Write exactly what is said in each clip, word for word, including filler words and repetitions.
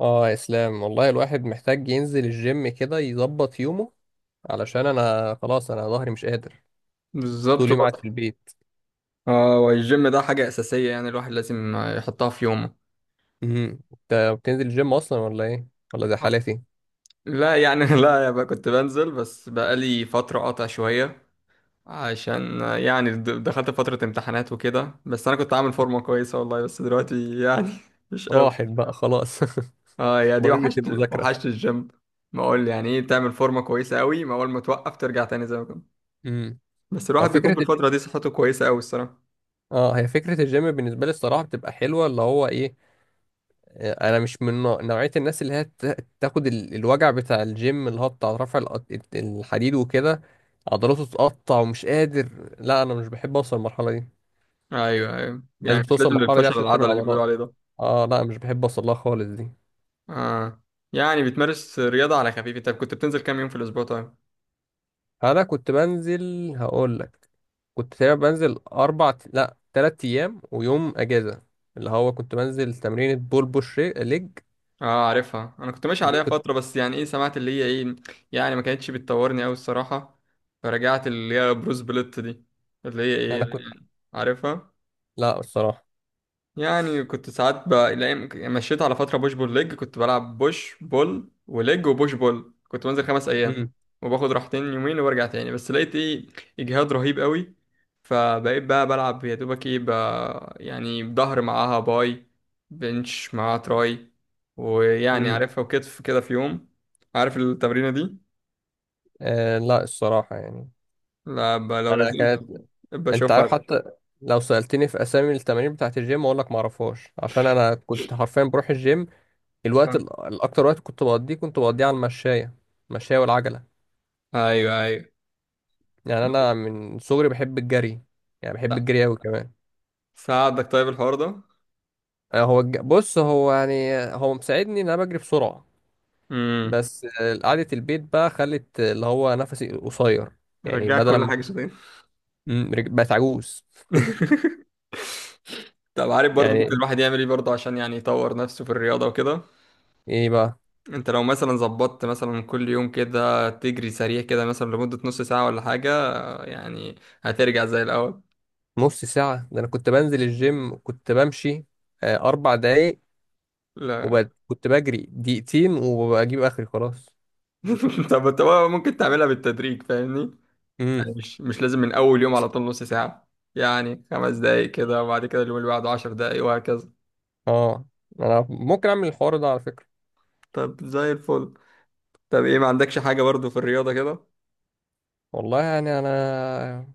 اه، يا اسلام، والله الواحد محتاج ينزل الجيم كده يظبط يومه. علشان انا خلاص، انا ظهري مش قادر. بالظبط. طول يوم قاعد في البيت. اه، والجيم ده حاجة أساسية، يعني الواحد لازم يحطها في يومه. امم انت بتنزل الجيم اصلا ولا ايه؟ ولا زي حالتي؟ لا يعني لا يا بقى، كنت بنزل بس بقالي فترة قاطع شوية، عشان يعني د- دخلت فترة امتحانات وكده، بس أنا كنت عامل فورمة كويسة والله، بس دلوقتي يعني مش قوي. راحت بقى خلاص. اه يا دي ضريبة وحشت. المذاكرة. وحشت الجيم. ما أقول يعني إيه، تعمل فورمة كويسة قوي، ما أول ما توقف ترجع تاني زي ما كنت. امم. بس اه الواحد بيكون فكرة في ال- الفترة دي صحته كويسة قوي الصراحة. اه هي فكرة الجيم بالنسبة لي الصراحة بتبقى حلوة، اللي هو ايه. آه، انا مش من نوع- نوعية الناس اللي هي ت- تاخد ال- الوجع بتاع الجيم، اللي هو بتاع رفع الأط- الحديد وكده. عضلاته تتقطع ومش قادر. لا، انا مش بحب اوصل للمرحلة دي. أيوه، أيوه، الناس يعني مش بتوصل لازم للمرحلة دي للفشل عشان تعمل العضلي اللي بيقولوا عضلات. عليه ده. اه، لا، مش بحب اوصل لها خالص دي. اه، يعني بتمارس رياضة على خفيف؟ انت كنت بتنزل كام يوم في الاسبوع طيب؟ انا كنت بنزل، هقول لك. كنت تقريبا بنزل اربع، لا تلات ايام، ويوم اجازة. اللي هو كنت بنزل تمرينة بول بوش ري- ليج. اه، عارفها، انا كنت ماشي دي عليها كنت. فترة، بس يعني ايه، سمعت اللي هي ايه. يعني ما كانتش بتطورني قوي الصراحة. فرجعت اللي هي بروس بليت دي. اللي هي ايه انا كنت. يعني، عارفها. لا، الصراحة. يعني كنت ساعات ب... الأيام- مشيت على فترة بوش بول ليج، كنت بلعب بوش بول وليج وبوش بول، كنت بنزل خمس أيام، امم. وباخد راحتين يومين وبرجع تاني، بس لقيت إيه، إجهاد رهيب قوي. فبقيت بقى بلعب يا دوبك إيه ب... يعني ظهر معاها باي، بنش معاها تراي، ويعني امم. عارفها، وكتف كده في يوم. عارف التمرينة دي؟ آه، لا، الصراحة يعني. لا، ب... لو انا نزلت كانت. انت عارف بشوفها. حتى، لو سألتني في اسامي التمارين بتاعت الجيم، اقول لك ما اعرفهاش، عشان انا كنت حرفيا بروح الجيم. الوقت ال- الاكتر وقت كنت بقضيه كنت بقضيه على المشاية. المشاية والعجلة. أيوه، أيوه. يعني انا من صغري بحب الجري. يعني بحب الجري قوي كمان. ساعدك طيب الحوار ده؟ آه، هو الج... بص، هو يعني هو مساعدني ان انا بجري بسرعه. امم. بس آه، قعده البيت بقى خلت اللي هو نفسي قصير. يعني رجعك بدل كل ما. حاجة. مم، رج- بقت عجوز. طب عارف برضه، ممكن يعني الواحد يعمل ايه برضه عشان يعني يطور نفسه في الرياضة وكده؟ ايه بقى؟ انت لو مثلا ظبطت مثلا كل يوم كده تجري سريع كده مثلا لمدة نص ساعة ولا حاجة، يعني هترجع زي الأول. نص ساعه ده؟ انا كنت بنزل الجيم، كنت بمشي آه، اربع دقايق. لا. وكنت وكنت بجري دقيقتين وبجيب اخري خلاص. طب انت بقى ممكن تعملها بالتدريج، فاهمني؟ يعني امم. مش مش لازم من أول يوم على طول نص ساعة. يعني خمس دقايق كده، وبعد كده اليوم اللي بعده عشر دقايق وهكذا. اه، انا ممكن اعمل الحوار ده على فكره. طب زي الفل. طب ايه، ما عندكش حاجة برضه في الرياضة كده؟ والله يعني انا.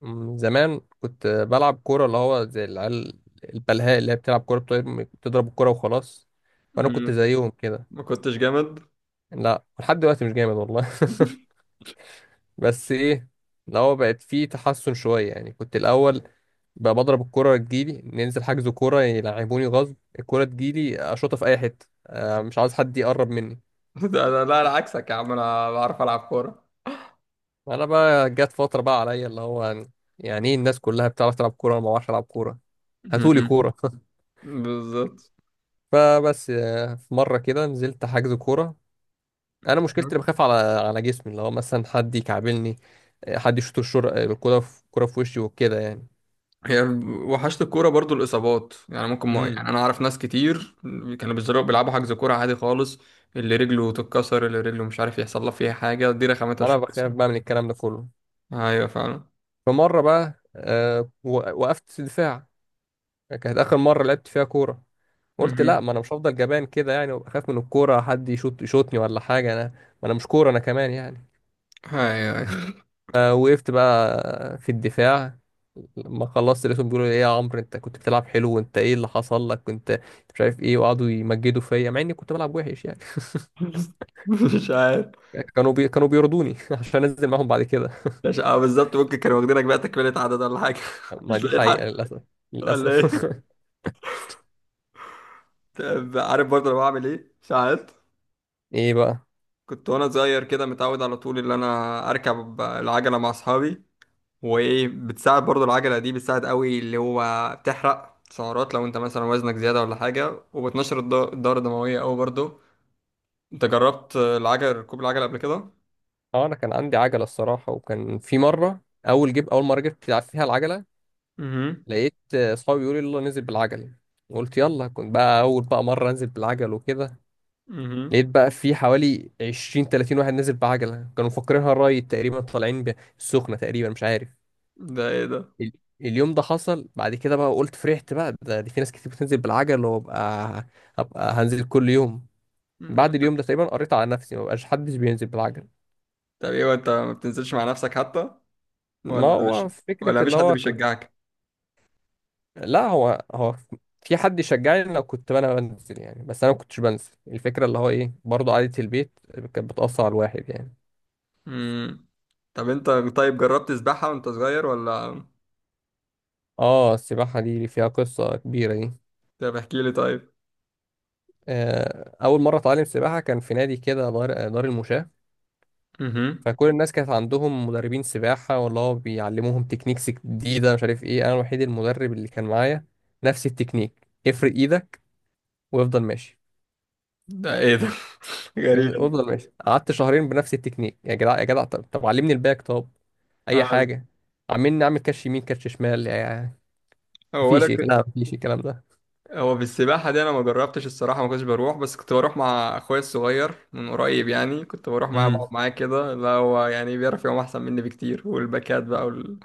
مم، زمان كنت بلعب كورة، اللي هو زي العيال البلهاء اللي هي بتلعب كورة، بتضرب بتضرب الكورة وخلاص. وأنا كنت مم. زيهم كده. ما كنتش جامد؟ لا، لحد دلوقتي مش جامد والله. بس إيه؟ اللي هو بقت فيه تحسن شوية، يعني كنت الأول بقى بضرب الكورة، تجيلي ننزل حجز كورة، يلعبوني غصب، الكورة تجيلي أشوطها في أي حتة. آه، مش عاوز حد يقرب مني. ده انا، لا، انا عكسك يا عم، انا بعرف العب كوره. أنا بقى جت فترة بقى عليا اللي هو، يعني إيه، الناس كلها بتعرف تلعب كورة وأنا ما بعرفش ألعب كورة. هاتولي مم. كورة. بالظبط. فبس آه، في مرة كده نزلت حجز كورة. أنا مشكلتي اللي بخاف على على جسمي، اللي هو مثلا حد يكعبلني. آه، حد يشوط الشر، آه، الكورة في الكورة في وشي وكده يعني. هي. وحشت الكوره برضو، الاصابات يعني ممكن، ما امم. يعني انا اعرف ناس كتير كانوا بيزرقوا بيلعبوا حجز كوره عادي خالص، اللي رجله تتكسر، اللي رجله مش عارف يحصل له فيها حاجه، دي رخامتها أنا شويه. بخاف بقى من الكلام ده كله. ايوه فعلا فمرة بقى آه، و- وقفت دفاع. كانت آخر مرة لعبت فيها كورة. قلت لا، مهم. ما أنا مش هفضل جبان كده يعني وأخاف من الكورة، حد يشوط يشوطني ولا حاجة، أنا ما أنا مش كورة أنا كمان يعني. ايوه، أيوة. فوقفت بقى في الدفاع. لما خلصت لقيتهم بيقولوا لي، ايه يا عمرو، انت كنت بتلعب حلو، وانت ايه اللي حصل لك، كنت مش عارف ايه. وقعدوا يمجدوا فيا مع اني كنت بلعب وحش يعني. مش عارف. كانوا بي... كانوا بيرضوني عشان انزل معاهم بعد كده. مش، اه بالظبط، ممكن كانوا واخدينك بقى تكمله عدد ولا حاجه، ما مش دي لاقيين حقيقة حد. للاسف. ولا للاسف. ايه؟ طب عارف برضه انا بعمل ايه ساعات؟ ايه بقى؟ كنت وانا صغير كده، متعود على طول ان انا اركب العجله مع اصحابي. وايه، بتساعد برضو العجله دي، بتساعد قوي اللي هو، بتحرق سعرات لو انت مثلا وزنك زياده ولا حاجه، وبتنشر الد- الدوره الدمويه قوي برضو. انت جربت العجله ركوب العجله قبل كده؟ اه، انا كان عندي عجلة الصراحة، وكان في مرة، اول جيب اول مرة جبت لعب فيها العجلة، امم. لقيت آه، اصحابي بيقولوا لي يلا ننزل بالعجلة. قلت يلا. كنت بقى اول بقى مرة انزل بالعجل وكده، امم. لقيت بقى في حوالي عشرين تلاتين واحد نازل بعجله، كانوا مفكرينها الرايد تقريبا، طالعين ب- السخنه تقريبا، مش عارف. ده ايه ده؟ ال- اليوم ده حصل بعد كده بقى. قلت فرحت بقى، ده دي في ناس كتير بتنزل بالعجل، وابقى هبقى هنزل كل يوم. مم. بعد اليوم ده تقريبا قريت على نفسي، ما بقاش حدش بينزل بالعجل. طب ايه وانت ما بتنزلش مع نفسك حتى؟ ما ولا مش هو فكره ولا اللي مفيش حد هو كنت. بيشجعك؟ لا، هو هو في حد يشجعني لو كنت انا بنزل يعني، بس انا ما كنتش بنزل، الفكره اللي هو ايه برضه قعده البيت كانت بتاثر على الواحد يعني. امم. طب انت طيب جربت سباحه وانت صغير ولا؟ اه، السباحه دي فيها قصه كبيره دي. طب احكي لي طيب. آه، أول مرة أتعلم سباحة كان في نادي كده، دار دار المشاة. امم. فكل الناس كانت عندهم مدربين سباحة والله، هو بيعلموهم تكنيكس جديدة مش عارف إيه، أنا الوحيد المدرب اللي كان معايا نفس التكنيك، افرد إيدك وافضل ماشي. ده ايه ده؟ يفضل- غريب. افضل ماشي. قعدت شهرين بنفس التكنيك. يا جدع، يا جدع، طب, طب علمني الباك، طب أي آه. حاجة. عمالين نعمل كاتش يمين كاتش شمال يعني. هو انا مفيش إيه، كنت لا، مفيش الكلام ده. هو في السباحه دي انا ما جربتش الصراحه، ما كنتش بروح، بس كنت بروح مع اخويا الصغير من قريب، يعني كنت بروح معاه بقعد امم. معاه كده، لا هو يعني بيعرف يعوم احسن مني بكتير، والباكات بقى وال...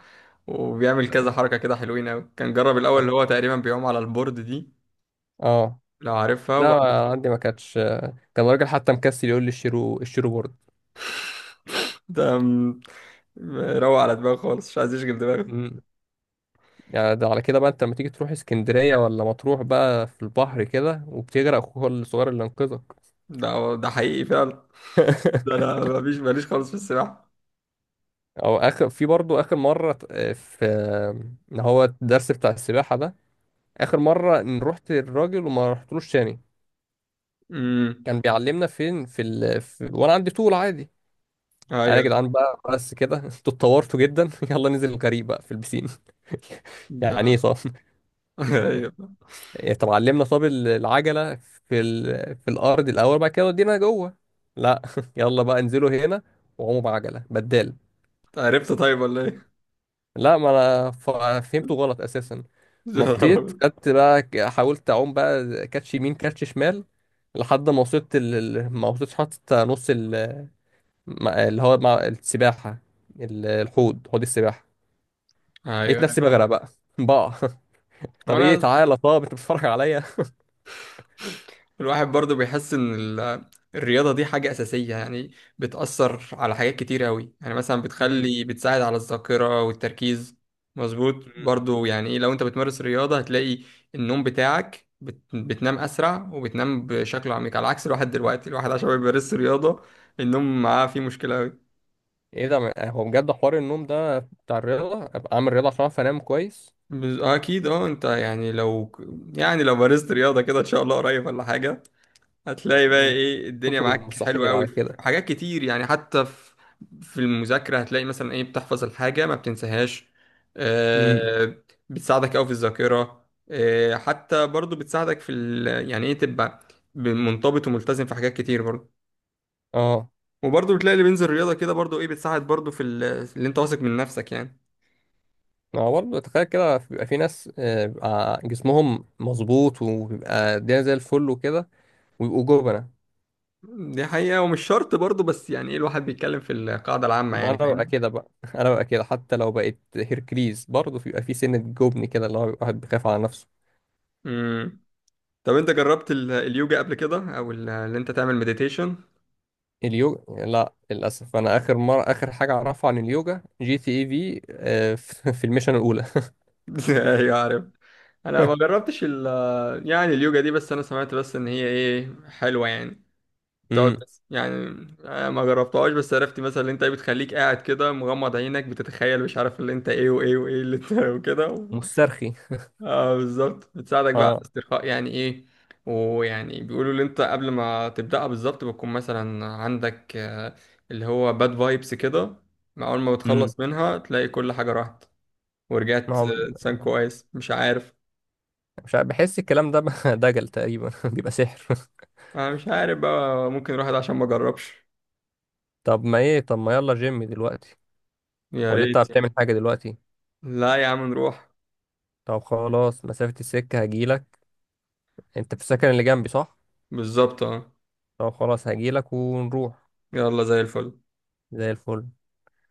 وبيعمل كذا حركه كده، حلوين قوي، كان جرب الاول اللي هو تقريبا بيعوم على البورد دي، اه، لو عارفها، لا، وبعد عندي ما كانتش. كان راجل حتى مكسل، يقول لي اشتروا اشتروا بورد. ده م- روق على دماغه خالص، مش عايز يشغل دماغه. مم. يعني ده على كده بقى انت لما تيجي تروح اسكندرية ولا مطروح بقى، في البحر كده وبتغرق اخوك الصغير اللي انقذك. ده هو ده حقيقي فعلا. ده انا مفيش، ماليش خالص في السباحه. او اخر في برضو، اخر مرة ت- آه، في، اللي هو الدرس بتاع السباحة ده، اخر مرة ان رحت الراجل وما رحتلوش تاني. امم. كان بيعلمنا فين في، ال... في... وانا عندي طول عادي. انا يا ايوه. جدعان بقى، بس كده. انتوا اتطورتوا جدا. يلا ننزل الغريق بقى في البسين. يعني ايه ده صح؟ ايوه. إيه، طب علمنا طب العجلة في ال... في الأرض الأول، بعد كده ودينا جوه. لا. يلا بقى، انزلوا هنا وقوموا بعجلة بدال. عرفت طيب ولا ايه؟ لا، ما أنا ف... فهمته غلط أساسا. يا نهار نطيت أبيض. خدت بقى، ك- حاولت أعوم بقى كاتش يمين كاتش شمال، لحد ما وصلت ال... ال- ما وصلتش حتى نص ال... ما- اللي هو مع السباحة، ال- الحوض حوض السباحة. لقيت ايوه. نفسي بغرق بقى. بقى هو طب ايه، انا تعالى، طب انت بتتفرج عليا؟ الواحد برضو بيحس ان ال- الرياضه دي حاجه اساسيه، يعني بتاثر على حاجات كتير قوي، يعني مثلا مم. بتخلي، بتساعد على الذاكره والتركيز. مظبوط برضو. يعني إيه، لو انت بتمارس رياضه، هتلاقي النوم بتاعك بت... بتنام اسرع وبتنام بشكل عميق، على عكس الواحد دلوقتي، الواحد عشان ما بيمارس رياضه، النوم معاه فيه مشكله قوي. ايه ده من- هو بجد حوار النوم ده بتاع الرياضة؟ ابقى اعمل رياضة عشان اعرف انام كويس. بز- اكيد. اه، انت يعني لو يعني لو مارست رياضه كده ان شاء الله قريب ولا حاجه، هتلاقي بقى ايه الدنيا تطلب معاك حلوة المستحيل قوي على في كده. حاجات كتير، يعني حتى في في المذاكرة هتلاقي مثلا ايه، بتحفظ الحاجة ما بتنساهاش. امم. آه، بتساعدك قوي في الذاكرة. آه، حتى برضو بتساعدك في ال... يعني ايه، تبقى ب- منضبط وملتزم في حاجات كتير برضو. اه. وبرضو بتلاقي اللي بينزل رياضة كده برضو ايه، بتساعد برضو في ال... اللي انت واثق من نفسك يعني. ما هو برضه تخيل كده، بيبقى في ناس آه، بيبقى جسمهم مظبوط وبيبقى الدنيا زي الفل وكده، ويبقوا جبنة. دي حقيقة، ومش شرط برضو، بس يعني ايه الواحد بيتكلم في القاعدة العامة، ما يعني انا ببقى فاهم. كده بقى. انا ببقى كده، حتى لو بقيت هيركليز برضه بيبقى في سنة جبن كده، اللي هو بيبقى واحد بيخاف على نفسه. مم. طب انت جربت ال- اليوجا قبل كده، او ال- اللي انت تعمل مديتيشن؟ اليوجا لا، للاسف، انا اخر مرة اخر حاجة اعرفها عن اليوجا جي تي اي في، آه. في الميشن الاولى. ايوه عارف. انا ما جربتش ال يعني اليوجا دي، بس انا سمعت بس ان هي ايه حلوه، يعني بتقعد مم. بس يعني. آه، ما جربتهاش، بس عرفت مثلا اللي انت إيه بتخليك قاعد كده مغمض عينك، بتتخيل مش عارف اللي انت ايه وايه وايه اللي انت وكده. و... مسترخي. اه بالظبط، بتساعدك بقى على اه. الاسترخاء، يعني ايه. ويعني بيقولوا اللي انت قبل ما تبدأها بالظبط بتكون مثلا عندك آه، اللي هو باد فايبس كده، مع اول ما امم. بتخلص منها تلاقي كل حاجة راحت ما ورجعت آه، هو انسان كويس، مش عارف. مش عارف، بحس الكلام ده دجل تقريبا. بيبقى سحر. انا مش عارف بقى، ممكن نروح ده عشان ما جربش. طب ما ايه، طب ما يلا جيم دلوقتي؟ يا ولا انت ريت. بتعمل حاجة دلوقتي؟ لا يا عم، نروح. طب خلاص، مسافة السكة، هجيلك. انت في السكن اللي جنبي صح؟ بالظبط اه. طب خلاص، هجيلك ونروح. يلا زي الفل. زي الفل.